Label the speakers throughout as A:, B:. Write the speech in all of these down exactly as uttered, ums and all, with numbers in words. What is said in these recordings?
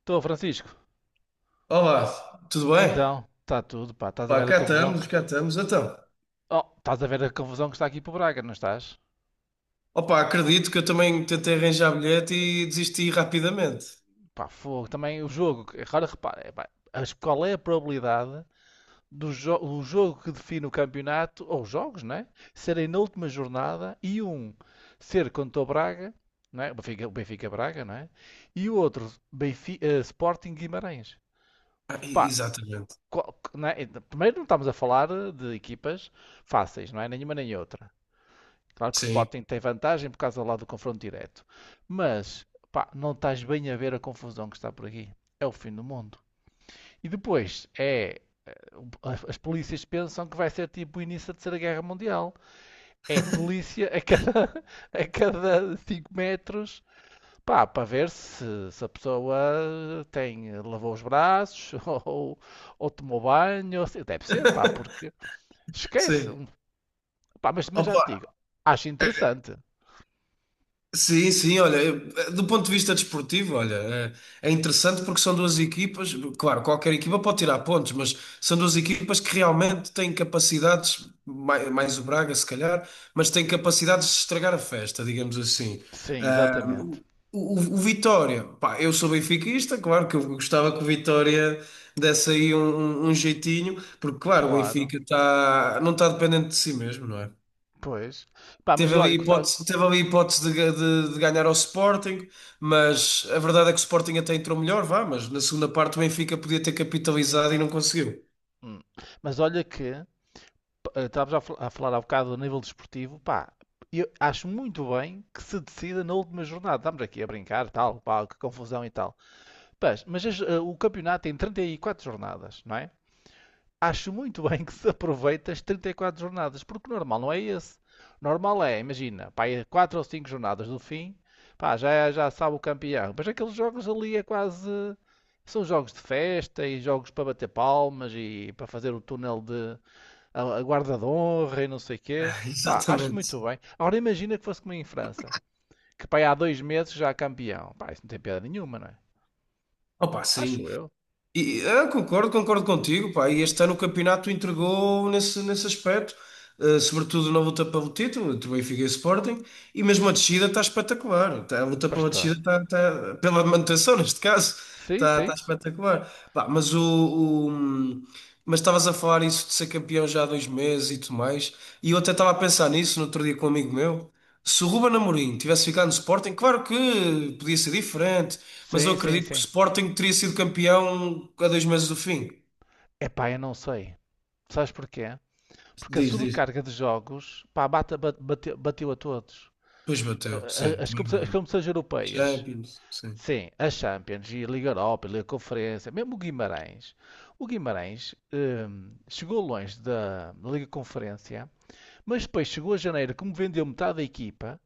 A: Estou, Francisco.
B: Olá, tudo bem?
A: Então, está tudo, pá. Estás a
B: Pá,
A: ver a
B: cá
A: confusão que...
B: estamos, cá estamos. Então,
A: Oh, estás a ver a confusão que está aqui para o Braga, não estás?
B: opá, acredito que eu também tentei arranjar bilhete e desisti rapidamente.
A: Pá, fogo. Também o jogo... que- Agora repara, é, pá, as- qual é a probabilidade do jo- o jogo que define o campeonato, ou os jogos, né? Serem na última jornada e um ser contra o Braga, não é? O Benfica, o Benfica Braga, não é? E o outro, Benfi- eh, Sporting Guimarães.
B: Ah, e-
A: Pá,
B: exatamente.
A: qual- não é? Primeiro não estamos a falar de equipas fáceis, não é? Nenhuma nem outra. Claro que o
B: Sim.
A: Sporting tem vantagem por causa lá do confronto direto. Mas, pá, não estás bem a ver a confusão que está por aqui. É o fim do mundo. E depois, é... As polícias pensam que vai ser tipo o início da Terceira Guerra Mundial. É polícia a cada, a cada cinco metros, pá, para ver se, se a pessoa tem, lavou os braços ou, ou tomou banho. Ou se- Deve ser, pá, porque esquece.
B: Sim.
A: Pá, mas, mas já
B: Opa,
A: te digo, acho interessante.
B: sim, sim, olha, eu- eh, do ponto de vista desportivo, olha, é, é interessante porque são duas equipas, claro, qualquer equipa pode tirar pontos, mas são duas equipas que realmente têm capacidades, mai- mais, o Braga se calhar, mas têm capacidades de estragar a festa, digamos assim.
A: Sim,
B: Ah,
A: exatamente.
B: o, o Vitória, pá, eu sou benfiquista, claro que eu gostava que o Vitória desse aí um, um- um jeitinho, porque claro, o
A: Claro,
B: Benfica tá, não está dependente de si mesmo, não é?
A: pois. Pá, mas
B: Teve
A: eu
B: ali
A: olho que tá-
B: hipótese, teve ali hipótese de, ga- de- de ganhar ao Sporting, mas a verdade é que o Sporting até entrou melhor, vá, mas na segunda parte o Benfica podia ter capitalizado e não conseguiu.
A: Hum. Mas olha que estavas a, fal- a falar há bocado do nível desportivo, pá, eu acho muito bem que se decida na última jornada. Estamos aqui a brincar, tal, pá, que confusão e tal. Pás, mas as- eh, o campeonato tem trinta e quatro jornadas, não é? Acho muito bem que se aproveite as trinta e quatro jornadas, porque o normal não é esse. Normal é, imagina, pá, é quatro ou cinco jornadas do fim, pá, já, já sabe o campeão. Mas aqueles jogos ali é quase. São jogos de festa e jogos para bater palmas e para fazer o túnel de a, a guarda de honra e não sei o quê. Pá, acho
B: Exatamente.
A: muito bem. Agora imagina que fosse como em França, que pá, há dois meses já há campeão. Pá, isso não tem piada nenhuma, não é?
B: Opa, sim.
A: Acho eu.
B: E, ah, concordo, concordo contigo, pá. E este ano o campeonato entregou nesse, nesse aspecto. Uh, sobretudo na luta pelo título, entre Benfica e Sporting, e mesmo a descida está espetacular. Tá- a luta pela descida
A: Bastante.
B: está, está- pela manutenção, neste caso,
A: Sim,
B: está,
A: sim.
B: está espetacular. Pá, mas o, o- mas estavas a falar isso de ser campeão já há dois meses e tudo mais, e eu até estava a pensar nisso no outro dia com um amigo meu. Se o Ruben Amorim tivesse ficado no Sporting, claro que podia ser diferente, mas eu
A: Sim, sim,
B: acredito que o
A: sim.
B: Sporting teria sido campeão há dois meses do fim.
A: Epá, eu não sei. Sabes porquê? Porque a
B: Diz, diz.
A: sobrecarga de jogos, pá, bate- bate- bateu, bateu a todos.
B: Pois bateu, sim,
A: a- As,
B: também é
A: competi- as
B: verdade.
A: competições europeias,
B: Champions, sim.
A: sim, a Champions e a Liga Europa, a Liga Conferência, mesmo o Guimarães. O Guimarães hum, chegou longe da Liga Conferência, mas depois chegou a janeiro, como vendeu metade da equipa,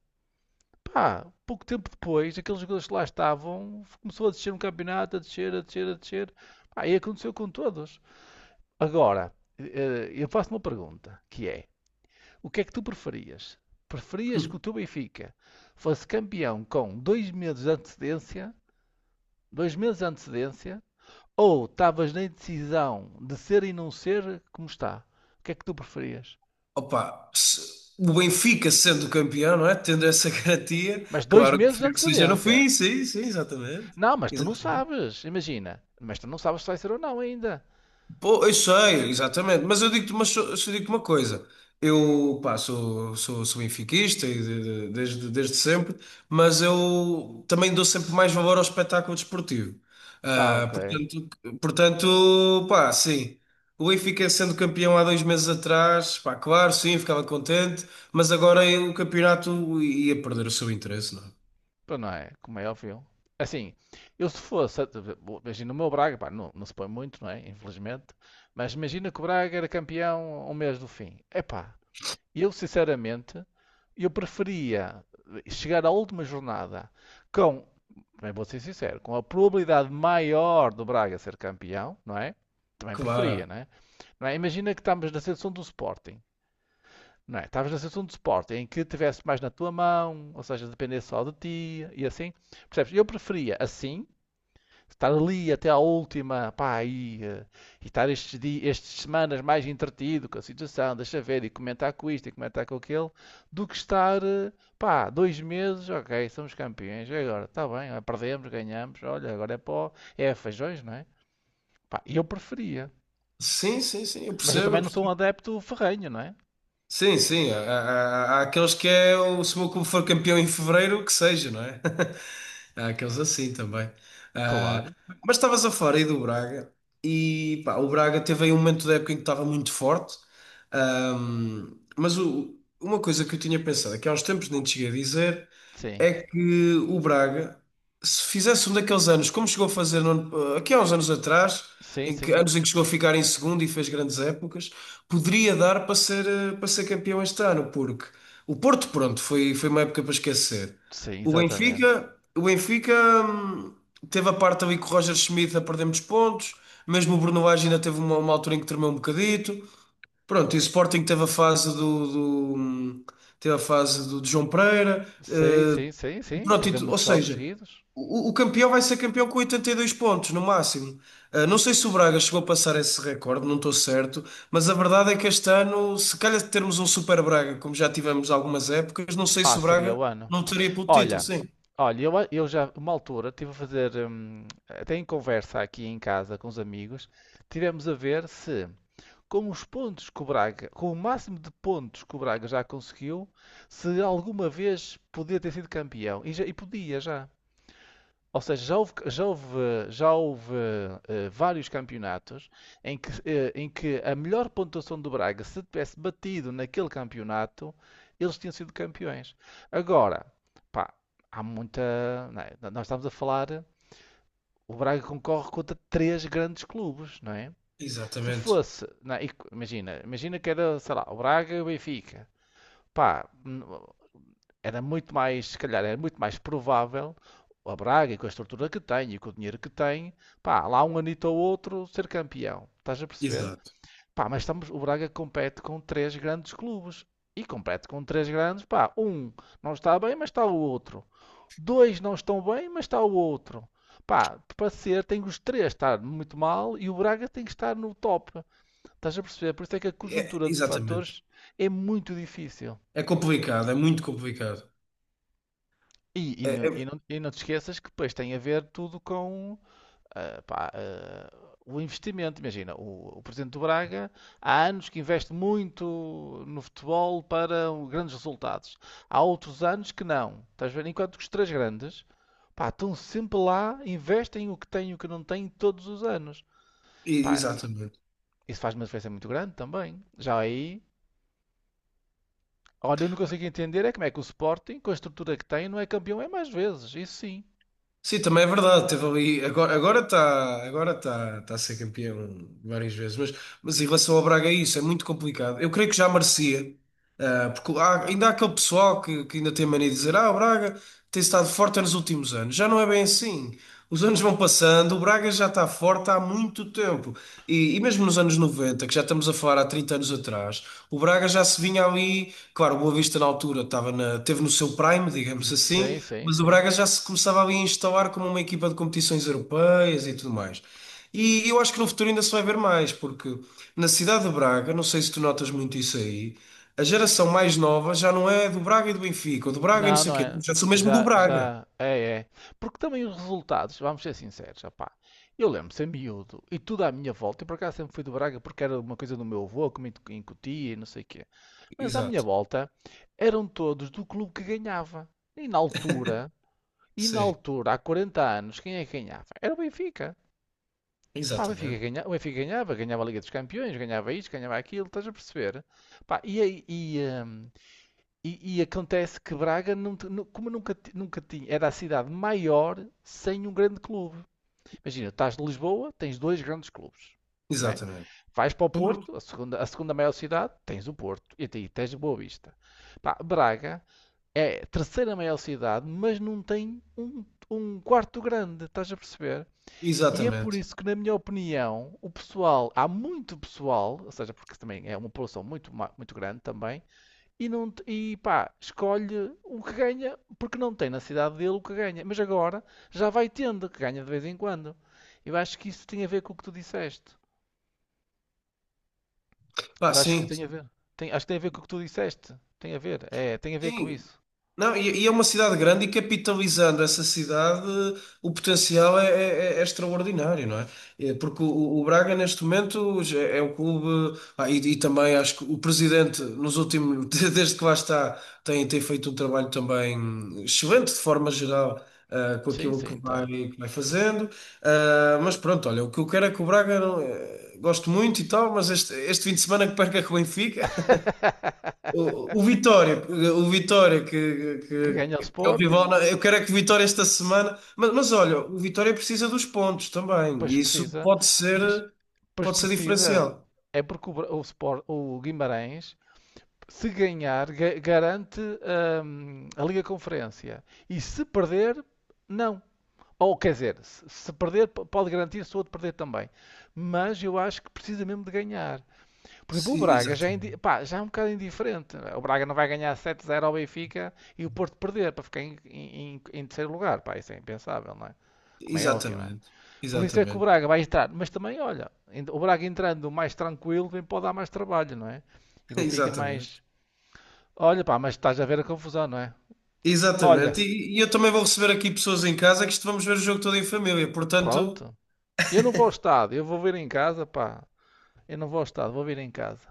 A: pá, pouco tempo depois, aqueles jogadores que lá estavam, começou a descer no campeonato, a descer, a descer, a descer. Pá, e aconteceu com todos. Agora, eh, eh, eu faço uma pergunta, que é: o que é que tu preferias? Preferias que o teu Benfica fosse campeão com dois meses de antecedência, dois meses de antecedência, ou estavas na indecisão de ser e não ser como está? O que é que tu preferias?
B: Opa, se- o Benfica sendo campeão, não é? Tendo essa garantia,
A: Mas dois
B: claro que
A: meses de
B: prefiro que seja no
A: antecedência.
B: fim, sim, sim, exatamente.
A: Não, mas tu não
B: Exatamente.
A: sabes, imagina. Mas tu não sabes se vai ser ou não ainda.
B: Pô, eu sei, exatamente, mas eu digo-te uma, so- só digo-te uma coisa. Eu, pá, sou, sou, sou benfiquista e de- de- desde, desde sempre, mas eu também dou sempre mais valor ao espetáculo desportivo.
A: Ah,
B: Ah,
A: ok.
B: portanto, portanto, pá, sim. O Benfica sendo campeão há dois meses atrás, pá, claro, sim, ficava contente, mas agora o campeonato ia perder o seu interesse, não é?
A: Para, não é, como é óbvio. Assim, eu se fosse, imagina o meu Braga, pá, não, não se põe muito, não é? Infelizmente. Mas imagina que o Braga era campeão um mês do fim. Epá, eu, sinceramente, eu preferia chegar à última jornada com, também vou ser sincero, com a probabilidade maior do Braga ser campeão, não é? Também preferia,
B: Claro.
A: não é? Não é? Imagina que estamos na seleção do Sporting, não é? Estavas na seleção do Sporting em que tivesse mais na tua mão, ou seja, dependesse só de ti e assim. Percebes? Eu preferia assim estar ali até à última, pá, e, eh, e estar estes dias, estas semanas mais entretido com a situação, deixa ver, e comentar com isto, e comentar com aquele, do que estar, eh, pá, dois meses, ok, somos campeões, e agora, está bem, ah, perdemos, ganhamos, olha, agora é pó, é feijões, não é? Pá, eu preferia.
B: Sim, sim, sim, eu
A: Mas eu
B: percebo,
A: também
B: eu
A: não sou um
B: percebo.
A: adepto ferrenho, não é?
B: Sim, sim. Há, há- há- há aqueles que é o, se o meu clube for campeão em fevereiro, que seja, não é? Há aqueles assim também. Ah,
A: Claro,
B: mas estavas a falar aí do Braga e pá, o Braga teve aí um momento da época em que estava muito forte. Ahm, mas o- uma coisa que eu tinha pensado, é que há uns tempos nem te cheguei a dizer
A: sim,
B: é que o Braga, se fizesse um daqueles anos, como chegou a fazer no ano- aqui há uns anos atrás,
A: sim,
B: em que,
A: sim,
B: anos em que chegou a ficar em segundo e fez grandes épocas, poderia dar para ser, eh, para ser campeão este ano, porque o Porto, pronto, foi, foi uma época para esquecer.
A: sim,
B: O
A: exatamente.
B: Benfica, o Benfica, hum, teve a parte ali com o Roger Schmidt a perder muitos pontos, mesmo o Bruno Lage ainda teve uma, uma altura em que tremeu um bocadito. Pronto, e o Sporting teve a fase do, do- hum, teve a fase do, de João Pereira,
A: Sim,
B: eh,
A: sim, sim, sim,
B: Pronto, e
A: perder
B: tu- ou
A: muitos jogos
B: seja,
A: seguidos.
B: o, o campeão vai ser campeão com oitenta e dois pontos no máximo. Ah, não sei se o Braga chegou a passar esse recorde, não estou certo, mas a verdade é que este ano, se calhar de termos um Super Braga, como já tivemos algumas épocas, não sei
A: Ah,
B: se o
A: seria
B: Braga
A: o ano.
B: não teria pelo título,
A: Olha,
B: sim.
A: olha, eu, a- eu já, uma altura, estive a fazer, hum, até em conversa aqui em casa com os amigos, tivemos a ver se, com os pontos que o Braga, com o máximo de pontos que o Braga já conseguiu, se alguma vez podia ter sido campeão. E, já, e podia já. Ou seja, já houve, já houve, já houve eh, vários campeonatos em que, eh, em que a melhor pontuação do Braga, se tivesse batido naquele campeonato, eles tinham sido campeões. Agora, pá, há muita, não é? Nós estamos a falar. O Braga concorre contra três grandes clubes, não é? Se
B: Exatamente,
A: fosse, não é? Imagina, imagina que era, sei lá, o Braga e o Benfica. Pá, era muito mais, se calhar, era muito mais provável a Braga, e com a estrutura que tem e com o dinheiro que tem, pá, lá um anito ou outro ser campeão. Estás a perceber?
B: exato.
A: Pá, mas estamos, o Braga compete com três grandes clubes. E compete com três grandes, pá, um não está bem, mas está o outro. Dois não estão bem, mas está o outro. Pá, para ser, tem que os três estar muito mal e o Braga tem que estar no top. Estás a perceber? Por isso é que a
B: É,
A: conjuntura de
B: exatamente.
A: fatores é muito difícil.
B: É complicado, é muito complicado.
A: E, e,
B: É-
A: não, e,
B: é-
A: não, e não te esqueças que depois tem a ver tudo com ah, pá, ah, o investimento. Imagina, o, o presidente do Braga há anos que investe muito no futebol para um- grandes resultados. Há outros anos que não. Estás a ver? Enquanto que os três grandes, pá, estão sempre lá, investem o que têm e o que não têm todos os anos. Pá,
B: Exatamente.
A: isso faz uma diferença muito grande também. Já aí, olha, eu não consigo entender é como é que o Sporting, com a estrutura que tem, não é campeão é mais vezes. Isso sim.
B: Sim, também é verdade. Teve ali, agora agora está agora tá, tá a ser campeão várias vezes, mas, mas em relação ao Braga, é isso é muito complicado. Eu creio que já merecia, ah, porque há- ainda há aquele pessoal que, que ainda tem mania de dizer: Ah, o Braga tem estado forte nos últimos anos. Já não é bem assim. Os anos vão passando, o Braga já está forte há muito tempo. E, e mesmo nos anos noventa, que já estamos a falar há trinta anos atrás, o Braga já se vinha ali. Claro, o Boa Vista na altura estava na, teve no seu prime, digamos assim,
A: Sim, sim,
B: mas o
A: sim.
B: Braga já se começava ali a instalar como uma equipa de competições europeias e tudo mais. E eu acho que no futuro ainda se vai ver mais, porque na cidade de Braga, não sei se tu notas muito isso aí, a geração mais nova já não é do Braga e do Benfica, ou do Braga e não
A: Não,
B: sei o
A: não
B: quê,
A: é.
B: já sou mesmo do
A: Já,
B: Braga.
A: já, é, é. Porque também os resultados, vamos ser sinceros, opá. Eu lembro-me ser miúdo e tudo à minha volta. Eu por acaso sempre fui do Braga porque era uma coisa do meu avô que me incutia e não sei o quê. Mas à minha
B: Exato,
A: volta eram todos do clube que ganhava. E na altura, e na
B: sim,
A: altura, há quarenta anos, quem é que ganhava? Era o Benfica. Pá, o Benfica
B: exatamente,
A: ganha- o Benfica ganhava, ganhava a Liga dos Campeões, ganhava isto, ganhava aquilo, estás a perceber? Pá, e, aí- e, eh, e, e acontece que Braga, não te- nu- como nunca, ti- nunca tinha, era a cidade maior sem um grande clube. Imagina, estás de Lisboa, tens dois grandes clubes, né?
B: exatamente.
A: Vais para o
B: Por-
A: Porto, a segunda, a segunda maior cidade, tens o Porto e aí tens Boa Vista. Pá, Braga é a terceira maior cidade, mas não tem um, um quarto grande, estás a perceber? E é por
B: Exatamente.
A: isso que, na minha opinião, o pessoal, há muito pessoal, ou seja, porque também é uma população muito, ma- muito grande também, e, não, te- e pá, escolhe o que ganha, porque não tem na cidade dele o que ganha. Mas agora já vai tendo, que ganha de vez em quando. Eu acho que isso tem a ver com o que tu disseste.
B: Pá,
A: Eu acho que
B: sim,
A: tem a ver. Tem, acho que tem a ver com o que tu disseste. Tem a ver, é, tem a ver com
B: sim,
A: isso.
B: não, e, e é uma cidade grande e capitalizando essa cidade, o potencial é, é- é extraordinário, não é? É, porque o, o Braga, neste momento, já é um clube. ah, e, e, também acho que o presidente, nos últimos, desde que lá está, tem, tem feito um trabalho também excelente, de forma geral, ah, com
A: Sim,
B: aquilo que
A: sim,
B: vai,
A: tem.
B: que vai fazendo. Ah, mas pronto, olha, o que eu quero é que o Braga, não- eh, gosto muito e tal, mas este, este fim de semana que perca com o Benfica. O, o Vitória, o Vitória que,
A: Que ganha o
B: que, que é o
A: Sporting,
B: rival, eu quero é que o Vitória esta semana, mas, mas olha, o Vitória precisa dos pontos também,
A: pois
B: e isso
A: precisa,
B: pode ser,
A: mas pois
B: pode ser
A: precisa.
B: diferencial.
A: É porque o, Bra- o, Sport, o Guimarães se ganhar, ga- garante hum, a Liga Conferência. E se perder, não. Ou quer dizer, se se perder, p- pode garantir se o outro perder também. Mas eu acho que precisa mesmo de ganhar. Por exemplo, o
B: Sim,
A: Braga já é, indi-
B: exatamente,
A: pá, já é um bocado indiferente. O Braga não vai ganhar sete a zero ao Benfica e o Porto perder para ficar em, em- em terceiro lugar. Pá, isso é impensável, não é? Como é óbvio, não é?
B: exatamente,
A: Por isso é que o
B: exatamente,
A: Braga vai entrar. Mas também, olha, ent- o Braga entrando mais tranquilo também pode dar mais trabalho, não é? E o Benfica
B: exatamente,
A: mais. Olha, pá, mas estás a ver a confusão, não é? Olha,
B: exatamente. E, e eu também vou receber aqui pessoas em casa que isto vamos ver o jogo todo em família, portanto,
A: pronto. Eu não vou ao estado, eu vou vir em casa, pá. Eu não vou ao estado, vou vir em casa.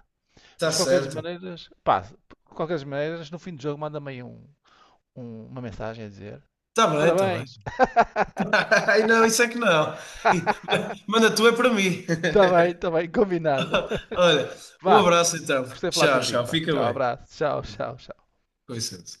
A: Mas
B: está
A: de qualquer das
B: certo,
A: maneiras, pá, de qualquer das maneiras, no fim do jogo manda-me aí um- um- uma mensagem a dizer:
B: está bem, está
A: parabéns,
B: bem. Ai, não, isso é que não. Manda tu é para mim.
A: está bem, está bem, combinado.
B: Olha, um
A: Vá,
B: abraço então.
A: gostei de falar
B: Tchau,
A: contigo,
B: tchau.
A: pá.
B: Fica
A: Tchau,
B: bem.
A: abraço, tchau, tchau, tchau.
B: Com licença.